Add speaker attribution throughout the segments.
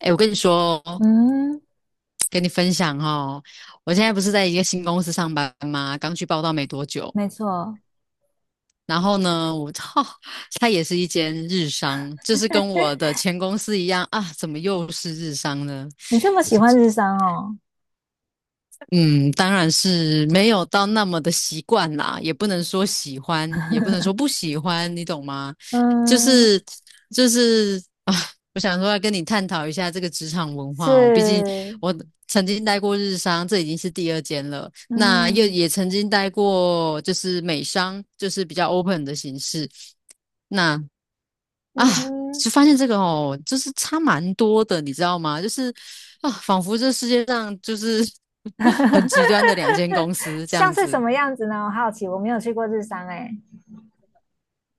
Speaker 1: 哎，我跟你说，
Speaker 2: 嗯，
Speaker 1: 跟你分享哦，我现在不是在一个新公司上班吗？刚去报道没多久，
Speaker 2: 没错。
Speaker 1: 然后呢，我操，它也是一间日商，就是跟我的前公司一样啊，怎么又是日商呢？
Speaker 2: 你这么喜 欢日商哦。
Speaker 1: 嗯，当然是没有到那么的习惯啦，也不能说喜欢，也不能说不喜欢，你懂吗？就
Speaker 2: 嗯，
Speaker 1: 是就是啊，我想说要跟你探讨一下这个职场文化哦，毕竟
Speaker 2: 是。
Speaker 1: 我曾经待过日商，这已经是第二间了，那又
Speaker 2: 嗯
Speaker 1: 也曾经待过就是美商，就是比较 open 的形式。那啊，
Speaker 2: 嗯哼。
Speaker 1: 就发现这个哦，就是差蛮多的，你知道吗？就是啊，仿佛这世界上就是 很极端的两间 公司这
Speaker 2: 像
Speaker 1: 样
Speaker 2: 是什
Speaker 1: 子。
Speaker 2: 么样子呢？我好奇，我没有去过日商哎。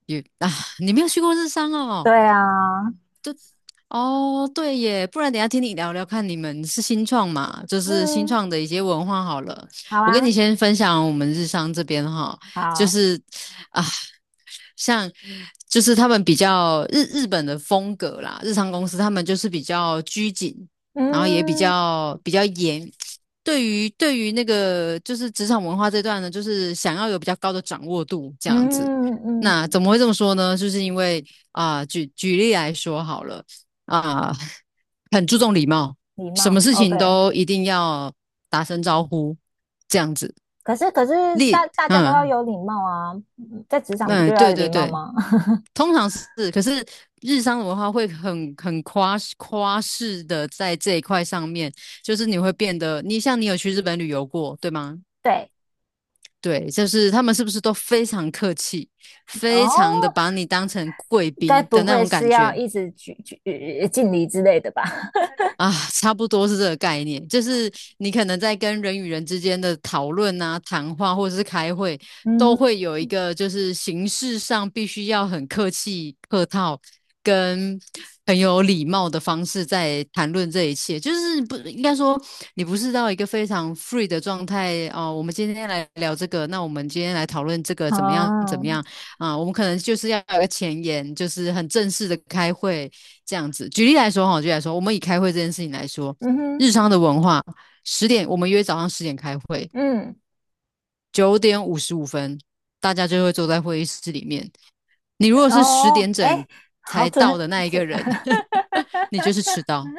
Speaker 1: 也啊，你没有去过日商哦？
Speaker 2: 对啊。
Speaker 1: 哦，对耶，不然等一下听你聊聊看，你们是新创嘛？就是新
Speaker 2: 嗯。
Speaker 1: 创的一些文化好了。
Speaker 2: 好
Speaker 1: 我跟你
Speaker 2: 啊。
Speaker 1: 先分享我们日商这边哈，就
Speaker 2: 好。
Speaker 1: 是啊，像就是他们比较日本的风格啦，日商公司他们就是比较拘谨，然后也比
Speaker 2: 嗯
Speaker 1: 较比较严。对于那个就是职场文化这段呢，就是想要有比较高的掌握度这样子。
Speaker 2: 嗯嗯。
Speaker 1: 那怎么会这么说呢？就是因为啊、举例来说好了啊、很注重礼貌，
Speaker 2: 礼
Speaker 1: 什么
Speaker 2: 貌
Speaker 1: 事情
Speaker 2: ，OK。
Speaker 1: 都一定要打声招呼这样子。
Speaker 2: 可是大大家都要
Speaker 1: 嗯
Speaker 2: 有礼貌啊，在职场不
Speaker 1: 嗯，
Speaker 2: 就要
Speaker 1: 对
Speaker 2: 有
Speaker 1: 对
Speaker 2: 礼貌
Speaker 1: 对，
Speaker 2: 吗？
Speaker 1: 通常是，可是日商的文化会很夸饰的在这一块上面，就是你会变得，你像你有去日本旅游过，对吗？
Speaker 2: 对。
Speaker 1: 对，就是他们是不是都非常客气，非常的
Speaker 2: 哦，
Speaker 1: 把你当成贵
Speaker 2: 该
Speaker 1: 宾的
Speaker 2: 不
Speaker 1: 那
Speaker 2: 会
Speaker 1: 种感
Speaker 2: 是要
Speaker 1: 觉？
Speaker 2: 一直举举呃敬礼之类的吧？
Speaker 1: 啊，差不多是这个概念，就是你可能在跟人与人之间的讨论啊、谈话或者是开会，都
Speaker 2: 嗯。
Speaker 1: 会有一个就是形式上必须要很客气、客套，跟很有礼貌的方式在谈论这一切。就是不应该说你不是到一个非常 free 的状态哦。我们今天来聊这个，那我们今天来讨论这个怎么样怎么
Speaker 2: 哦。
Speaker 1: 样啊？我们可能就是要有个前言，就是很正式的开会这样子。举例来说哈，举例来说，我们以开会这件事情来说，
Speaker 2: 嗯哼。
Speaker 1: 日常的文化，十点我们约早上十点开会，
Speaker 2: 嗯。
Speaker 1: 9点55分大家就会坐在会议室里面。你如果是十
Speaker 2: 哦，
Speaker 1: 点整
Speaker 2: 哎，好
Speaker 1: 才到
Speaker 2: 准。
Speaker 1: 的那一个
Speaker 2: 天，
Speaker 1: 人，你就是迟 到，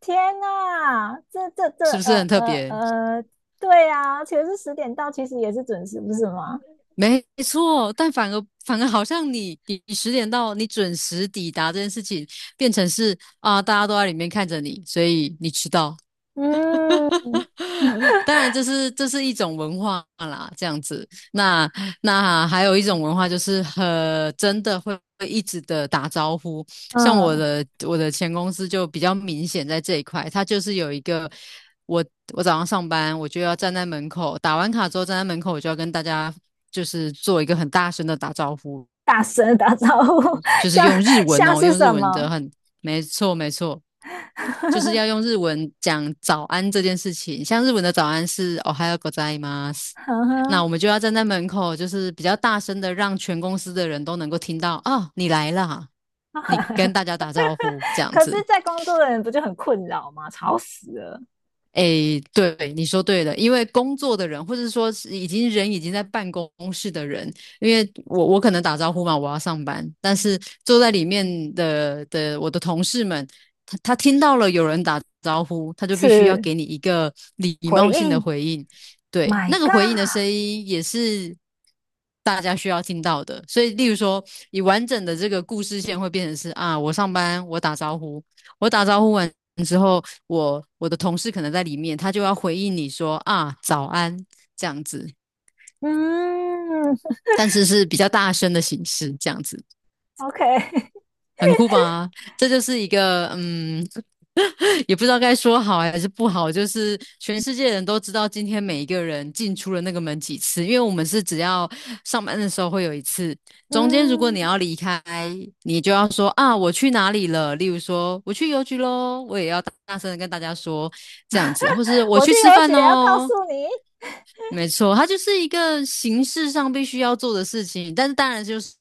Speaker 2: 天呐，这，
Speaker 1: 是不是很特别？
Speaker 2: 对啊，其实是十点到，其实也是准时，不是吗？
Speaker 1: 没错，但反而好像你十点到，你准时抵达这件事情，变成是啊、大家都在里面看着你，所以你迟到，哈
Speaker 2: 嗯
Speaker 1: 哈，当然，这是一种文化啦，这样子。那那还有一种文化就是很真的会一直的打招呼，像我
Speaker 2: 嗯。
Speaker 1: 的我的前公司就比较明显在这一块，它就是有一个我我早上上班我就要站在门口打完卡之后站在门口我就要跟大家就是做一个很大声的打招呼，
Speaker 2: 大声打招呼。
Speaker 1: 就 是
Speaker 2: 像
Speaker 1: 用日文
Speaker 2: 像
Speaker 1: 哦，
Speaker 2: 是
Speaker 1: 用日
Speaker 2: 什
Speaker 1: 文的
Speaker 2: 么？
Speaker 1: 很，没错没错，就是要用 日文讲早安这件事情。像日文的早安是 o h a y o g o z，
Speaker 2: 呵
Speaker 1: 那
Speaker 2: 呵
Speaker 1: 我们就要站在门口，就是比较大声的，让全公司的人都能够听到哦，你来啦，你 跟大家打招呼这样
Speaker 2: 可是，
Speaker 1: 子。
Speaker 2: 在工作的人不就很困扰吗？吵死了。
Speaker 1: 诶，对，你说对了，因为工作的人，或者说是已经人已经在办公室的人，因为我可能打招呼嘛，我要上班，但是坐在里面的我的同事们，他听到了有人打招呼，他就必须要
Speaker 2: 是，
Speaker 1: 给你一个礼貌
Speaker 2: 回
Speaker 1: 性的
Speaker 2: 应
Speaker 1: 回应，对，
Speaker 2: ，My
Speaker 1: 那个回应
Speaker 2: God。
Speaker 1: 的声音也是大家需要听到的，所以例如说，你完整的这个故事线会变成是啊，我上班，我打招呼，我打招呼完之后，我的同事可能在里面，他就要回应你说啊早安这样子，
Speaker 2: 嗯
Speaker 1: 但是是比较大声的形式这样子。
Speaker 2: ，OK。
Speaker 1: 很酷吧？这就是一个嗯，也不知道该说好还是不好，就是全世界人都知道今天每一个人进出了那个门几次，因为我们是只要上班的时候会有一次，中间如果
Speaker 2: 嗯，
Speaker 1: 你要离开，你就要说啊我去哪里了，例如说我去邮局喽，我也要大大声的跟大家说这样子，或是我
Speaker 2: 我
Speaker 1: 去
Speaker 2: 去
Speaker 1: 吃
Speaker 2: 邮
Speaker 1: 饭
Speaker 2: 局要告
Speaker 1: 哦，
Speaker 2: 诉你
Speaker 1: 没错，它就是一个形式上必须要做的事情，但是当然就是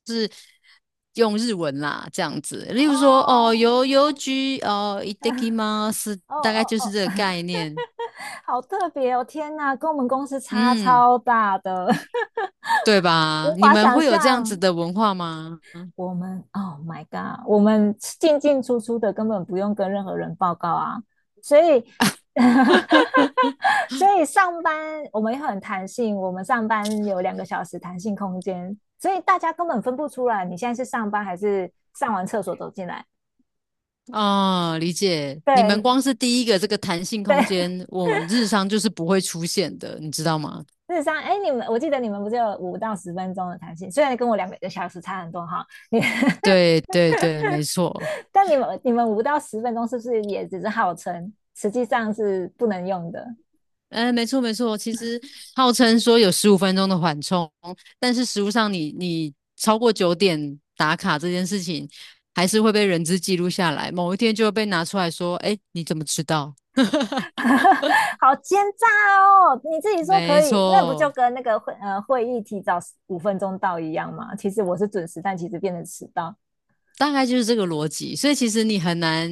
Speaker 1: 用日文啦，这样子。例如说，
Speaker 2: 哦。
Speaker 1: 哦，邮局，哦，いただきます，
Speaker 2: 哦
Speaker 1: 大概
Speaker 2: 哦
Speaker 1: 就是
Speaker 2: 哦，
Speaker 1: 这个概念，
Speaker 2: 好特别哦，天哪，跟我们公司差
Speaker 1: 嗯，
Speaker 2: 超大的。
Speaker 1: 对 吧？
Speaker 2: 无
Speaker 1: 你
Speaker 2: 法
Speaker 1: 们
Speaker 2: 想
Speaker 1: 会有这样子
Speaker 2: 象。
Speaker 1: 的文化吗？
Speaker 2: 我们，Oh my God，我们进进出出的根本不用跟任何人报告啊，所以 所以上班我们也很弹性，我们上班有两个小时弹性空间，所以大家根本分不出来你现在是上班还是上完厕所走进来。
Speaker 1: 哦，理解。你们
Speaker 2: 对
Speaker 1: 光是第一个这个弹性
Speaker 2: 对。
Speaker 1: 空间，我们日常就是不会出现的，你知道吗？
Speaker 2: 日实上，哎，我记得你们不是有五到十分钟的弹性，虽然跟我两个小时差很多哈，你
Speaker 1: 对对对，没错。
Speaker 2: 但你们五到十分钟是不是也只是号称，实际上是不能用的？
Speaker 1: 哎，没错没错，其实号称说有15分钟的缓冲，但是实物上你超过九点打卡这件事情，还是会被人质记录下来，某一天就会被拿出来说，哎，你怎么知道？
Speaker 2: 好奸诈哦！你自己说可
Speaker 1: 没
Speaker 2: 以，那不就
Speaker 1: 错，
Speaker 2: 跟那个会议提早五分钟到一样吗？其实我是准时，但其实变成迟到。
Speaker 1: 大概就是这个逻辑，所以其实你很难，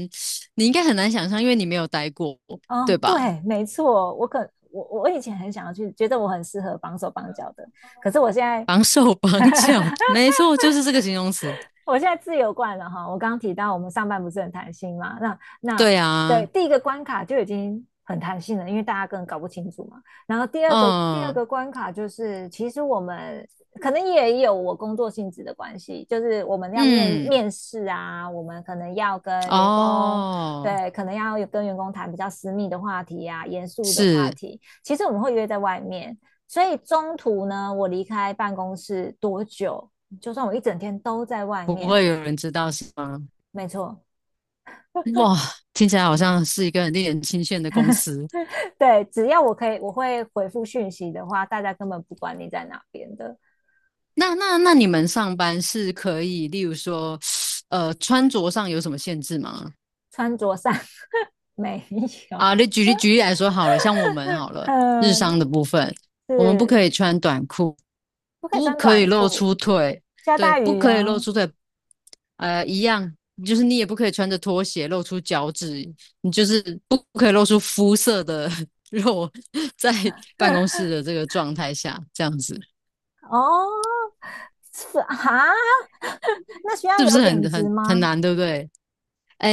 Speaker 1: 你应该很难想象，因为你没有待过，
Speaker 2: 哦，
Speaker 1: 对吧？
Speaker 2: 对，没错，我可我我以前很想要去，觉得我很适合绑手绑脚的，可是我现在
Speaker 1: 绑手 绑脚，没错，就是这个形容词。
Speaker 2: 我现在自由惯了哈。我刚刚提到我们上班不是很弹性嘛，那
Speaker 1: 对啊，
Speaker 2: 对第一个关卡就已经很弹性了，因为大家根本搞不清楚嘛。然后第二个第二
Speaker 1: 嗯
Speaker 2: 个关卡就是，其实我们可能也有我工作性质的关系，就是我们要面
Speaker 1: 嗯，
Speaker 2: 面试啊，我们可能要跟员工。
Speaker 1: 哦，
Speaker 2: 对，可能要跟员工谈比较私密的话题啊，严肃的话
Speaker 1: 是。
Speaker 2: 题。其实我们会约在外面，所以中途呢，我离开办公室多久，就算我一整天都在外
Speaker 1: 不会
Speaker 2: 面，
Speaker 1: 有人知道是吗？
Speaker 2: 没错。
Speaker 1: 哇，听起来好像是一个很令人钦羡的公司。
Speaker 2: 对，只要我可以，我会回复讯息的话，大家根本不管你在哪边的。
Speaker 1: 那你们上班是可以，例如说，穿着上有什么限制吗？
Speaker 2: 穿着上 没有。
Speaker 1: 啊，你举例举例来说好了，像我们好了，日商
Speaker 2: 嗯，
Speaker 1: 的部分，我们不
Speaker 2: 是。
Speaker 1: 可以穿短裤，
Speaker 2: 不可以
Speaker 1: 不
Speaker 2: 穿
Speaker 1: 可以
Speaker 2: 短
Speaker 1: 露
Speaker 2: 裤，
Speaker 1: 出腿，
Speaker 2: 下
Speaker 1: 对，
Speaker 2: 大
Speaker 1: 不
Speaker 2: 雨
Speaker 1: 可以露
Speaker 2: 啊。
Speaker 1: 出腿，一样，就是你也不可以穿着拖鞋露出脚趾，你就是不可以露出肤色的肉 在办公室的这个状态下，这样子。
Speaker 2: 哦，是啊 那需要
Speaker 1: 是不
Speaker 2: 有
Speaker 1: 是
Speaker 2: 领
Speaker 1: 很
Speaker 2: 子
Speaker 1: 很很
Speaker 2: 吗？
Speaker 1: 难，对不对？哎，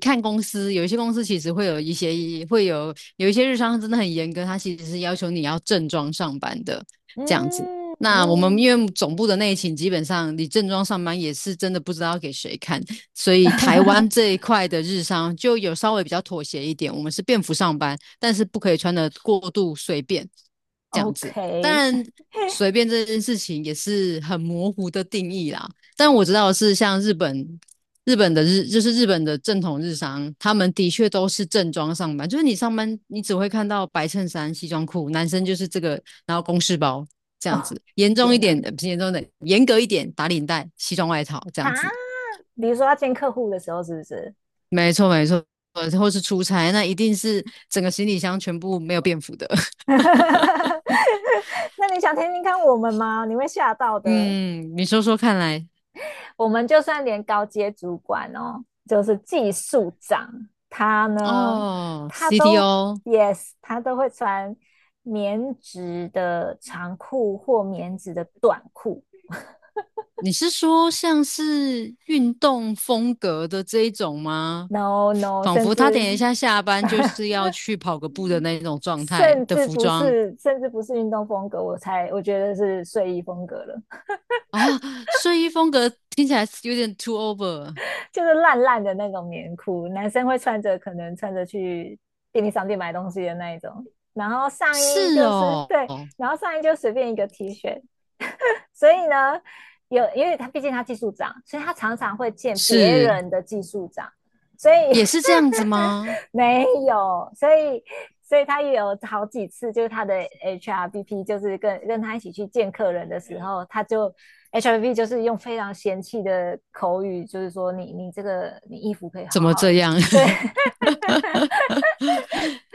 Speaker 1: 看公司，有一些公司其实会有一些会有一些日商真的很严格，他其实是要求你要正装上班的这样子。
Speaker 2: 嗯
Speaker 1: 那我们
Speaker 2: 嗯
Speaker 1: 因为总部的内勤，基本上你正装上班也是真的不知道给谁看，所以台湾 这一块的日商就有稍微比较妥协一点，我们是便服上班，但是不可以穿的过度随便这样子。当
Speaker 2: ，OK。
Speaker 1: 然，随便这件事情也是很模糊的定义啦。但我知道的是像日本。日本的日就是日本的正统日商，他们的确都是正装上班，就是你上班你只会看到白衬衫、西装裤，男生就是这个，然后公事包这样
Speaker 2: 哦，
Speaker 1: 子，严重一
Speaker 2: 天
Speaker 1: 点
Speaker 2: 哪。
Speaker 1: 的，不是严重的，严格一点打领带、西装外套这
Speaker 2: 啊，
Speaker 1: 样子，
Speaker 2: 比如说要见客户的时候，是不是？
Speaker 1: 没错没错，或是出差那一定是整个行李箱全部没有便服的，
Speaker 2: 那你想听听看我们吗？你会吓到的。
Speaker 1: 嗯，你说说看来
Speaker 2: 我们就算连高阶主管哦，就是技术长，他呢，
Speaker 1: 哦
Speaker 2: 他都
Speaker 1: ，CTO
Speaker 2: yes，他都会穿棉质的长裤或棉质的短裤。
Speaker 1: 你是说像是运动风格的这一种吗？
Speaker 2: No no，
Speaker 1: 仿
Speaker 2: 甚
Speaker 1: 佛他等一
Speaker 2: 至
Speaker 1: 下下班就是要去跑个步的那种状态
Speaker 2: 甚
Speaker 1: 的
Speaker 2: 至
Speaker 1: 服
Speaker 2: 不
Speaker 1: 装
Speaker 2: 是，甚至不是运动风格，我觉得是睡衣风格了。
Speaker 1: 啊，睡衣风格听起来有点 too over。
Speaker 2: 就是烂烂的那种棉裤，男生会可能穿着去便利商店买东西的那一种。然后上衣
Speaker 1: 是
Speaker 2: 就是
Speaker 1: 哦，
Speaker 2: 对，然后上衣就随便一个 T 恤。所以呢，有因为他毕竟他技术长，所以他常常会见别
Speaker 1: 是，
Speaker 2: 人的技术长。所以
Speaker 1: 也是这样子吗？
Speaker 2: 没有，所以他也有好几次，就是他的 HRBP 就是跟他一起去见客人的时候，他就 HRBP 就是用非常嫌弃的口语，就是说你这个你衣服可以
Speaker 1: 怎
Speaker 2: 好
Speaker 1: 么
Speaker 2: 好。
Speaker 1: 这样？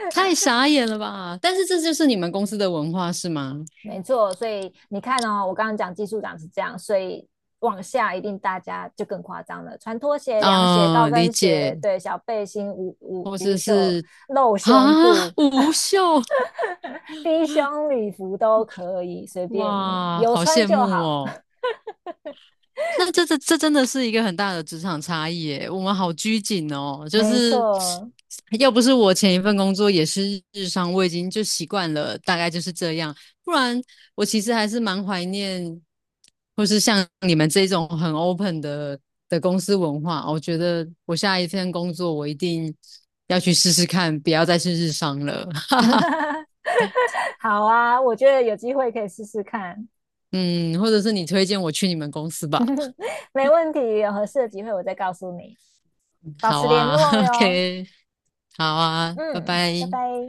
Speaker 1: 太傻眼了吧！但是这就是你们公司的文化是吗？
Speaker 2: 没错，所以你看哦，我刚刚讲技术长是这样，所以往下一定大家就更夸张了，穿拖鞋、凉鞋、
Speaker 1: 啊、
Speaker 2: 高
Speaker 1: 理
Speaker 2: 跟鞋，
Speaker 1: 解，
Speaker 2: 对，小背心、无无
Speaker 1: 或者
Speaker 2: 无袖、
Speaker 1: 是
Speaker 2: 露胸
Speaker 1: 啊，
Speaker 2: 部、
Speaker 1: 无袖，
Speaker 2: 低胸礼服都可以，随便你，
Speaker 1: 哇，
Speaker 2: 有
Speaker 1: 好
Speaker 2: 穿
Speaker 1: 羡
Speaker 2: 就
Speaker 1: 慕
Speaker 2: 好。
Speaker 1: 哦。那这真的是一个很大的职场差异耶，我们好拘谨哦，就
Speaker 2: 没
Speaker 1: 是
Speaker 2: 错。
Speaker 1: 要不是我前一份工作也是日商，我已经就习惯了，大概就是这样。不然我其实还是蛮怀念，或是像你们这种很 open 的公司文化哦。我觉得我下一份工作我一定要去试试看，不要再是日商了。哈哈，
Speaker 2: 好啊，我觉得有机会可以试试看。
Speaker 1: 嗯，或者是你推荐我去你们公司吧。
Speaker 2: 没问题，有合适的机会我再告诉你，保
Speaker 1: 好
Speaker 2: 持联
Speaker 1: 啊
Speaker 2: 络哟。
Speaker 1: ，OK，好啊，拜
Speaker 2: 嗯，拜
Speaker 1: 拜。
Speaker 2: 拜。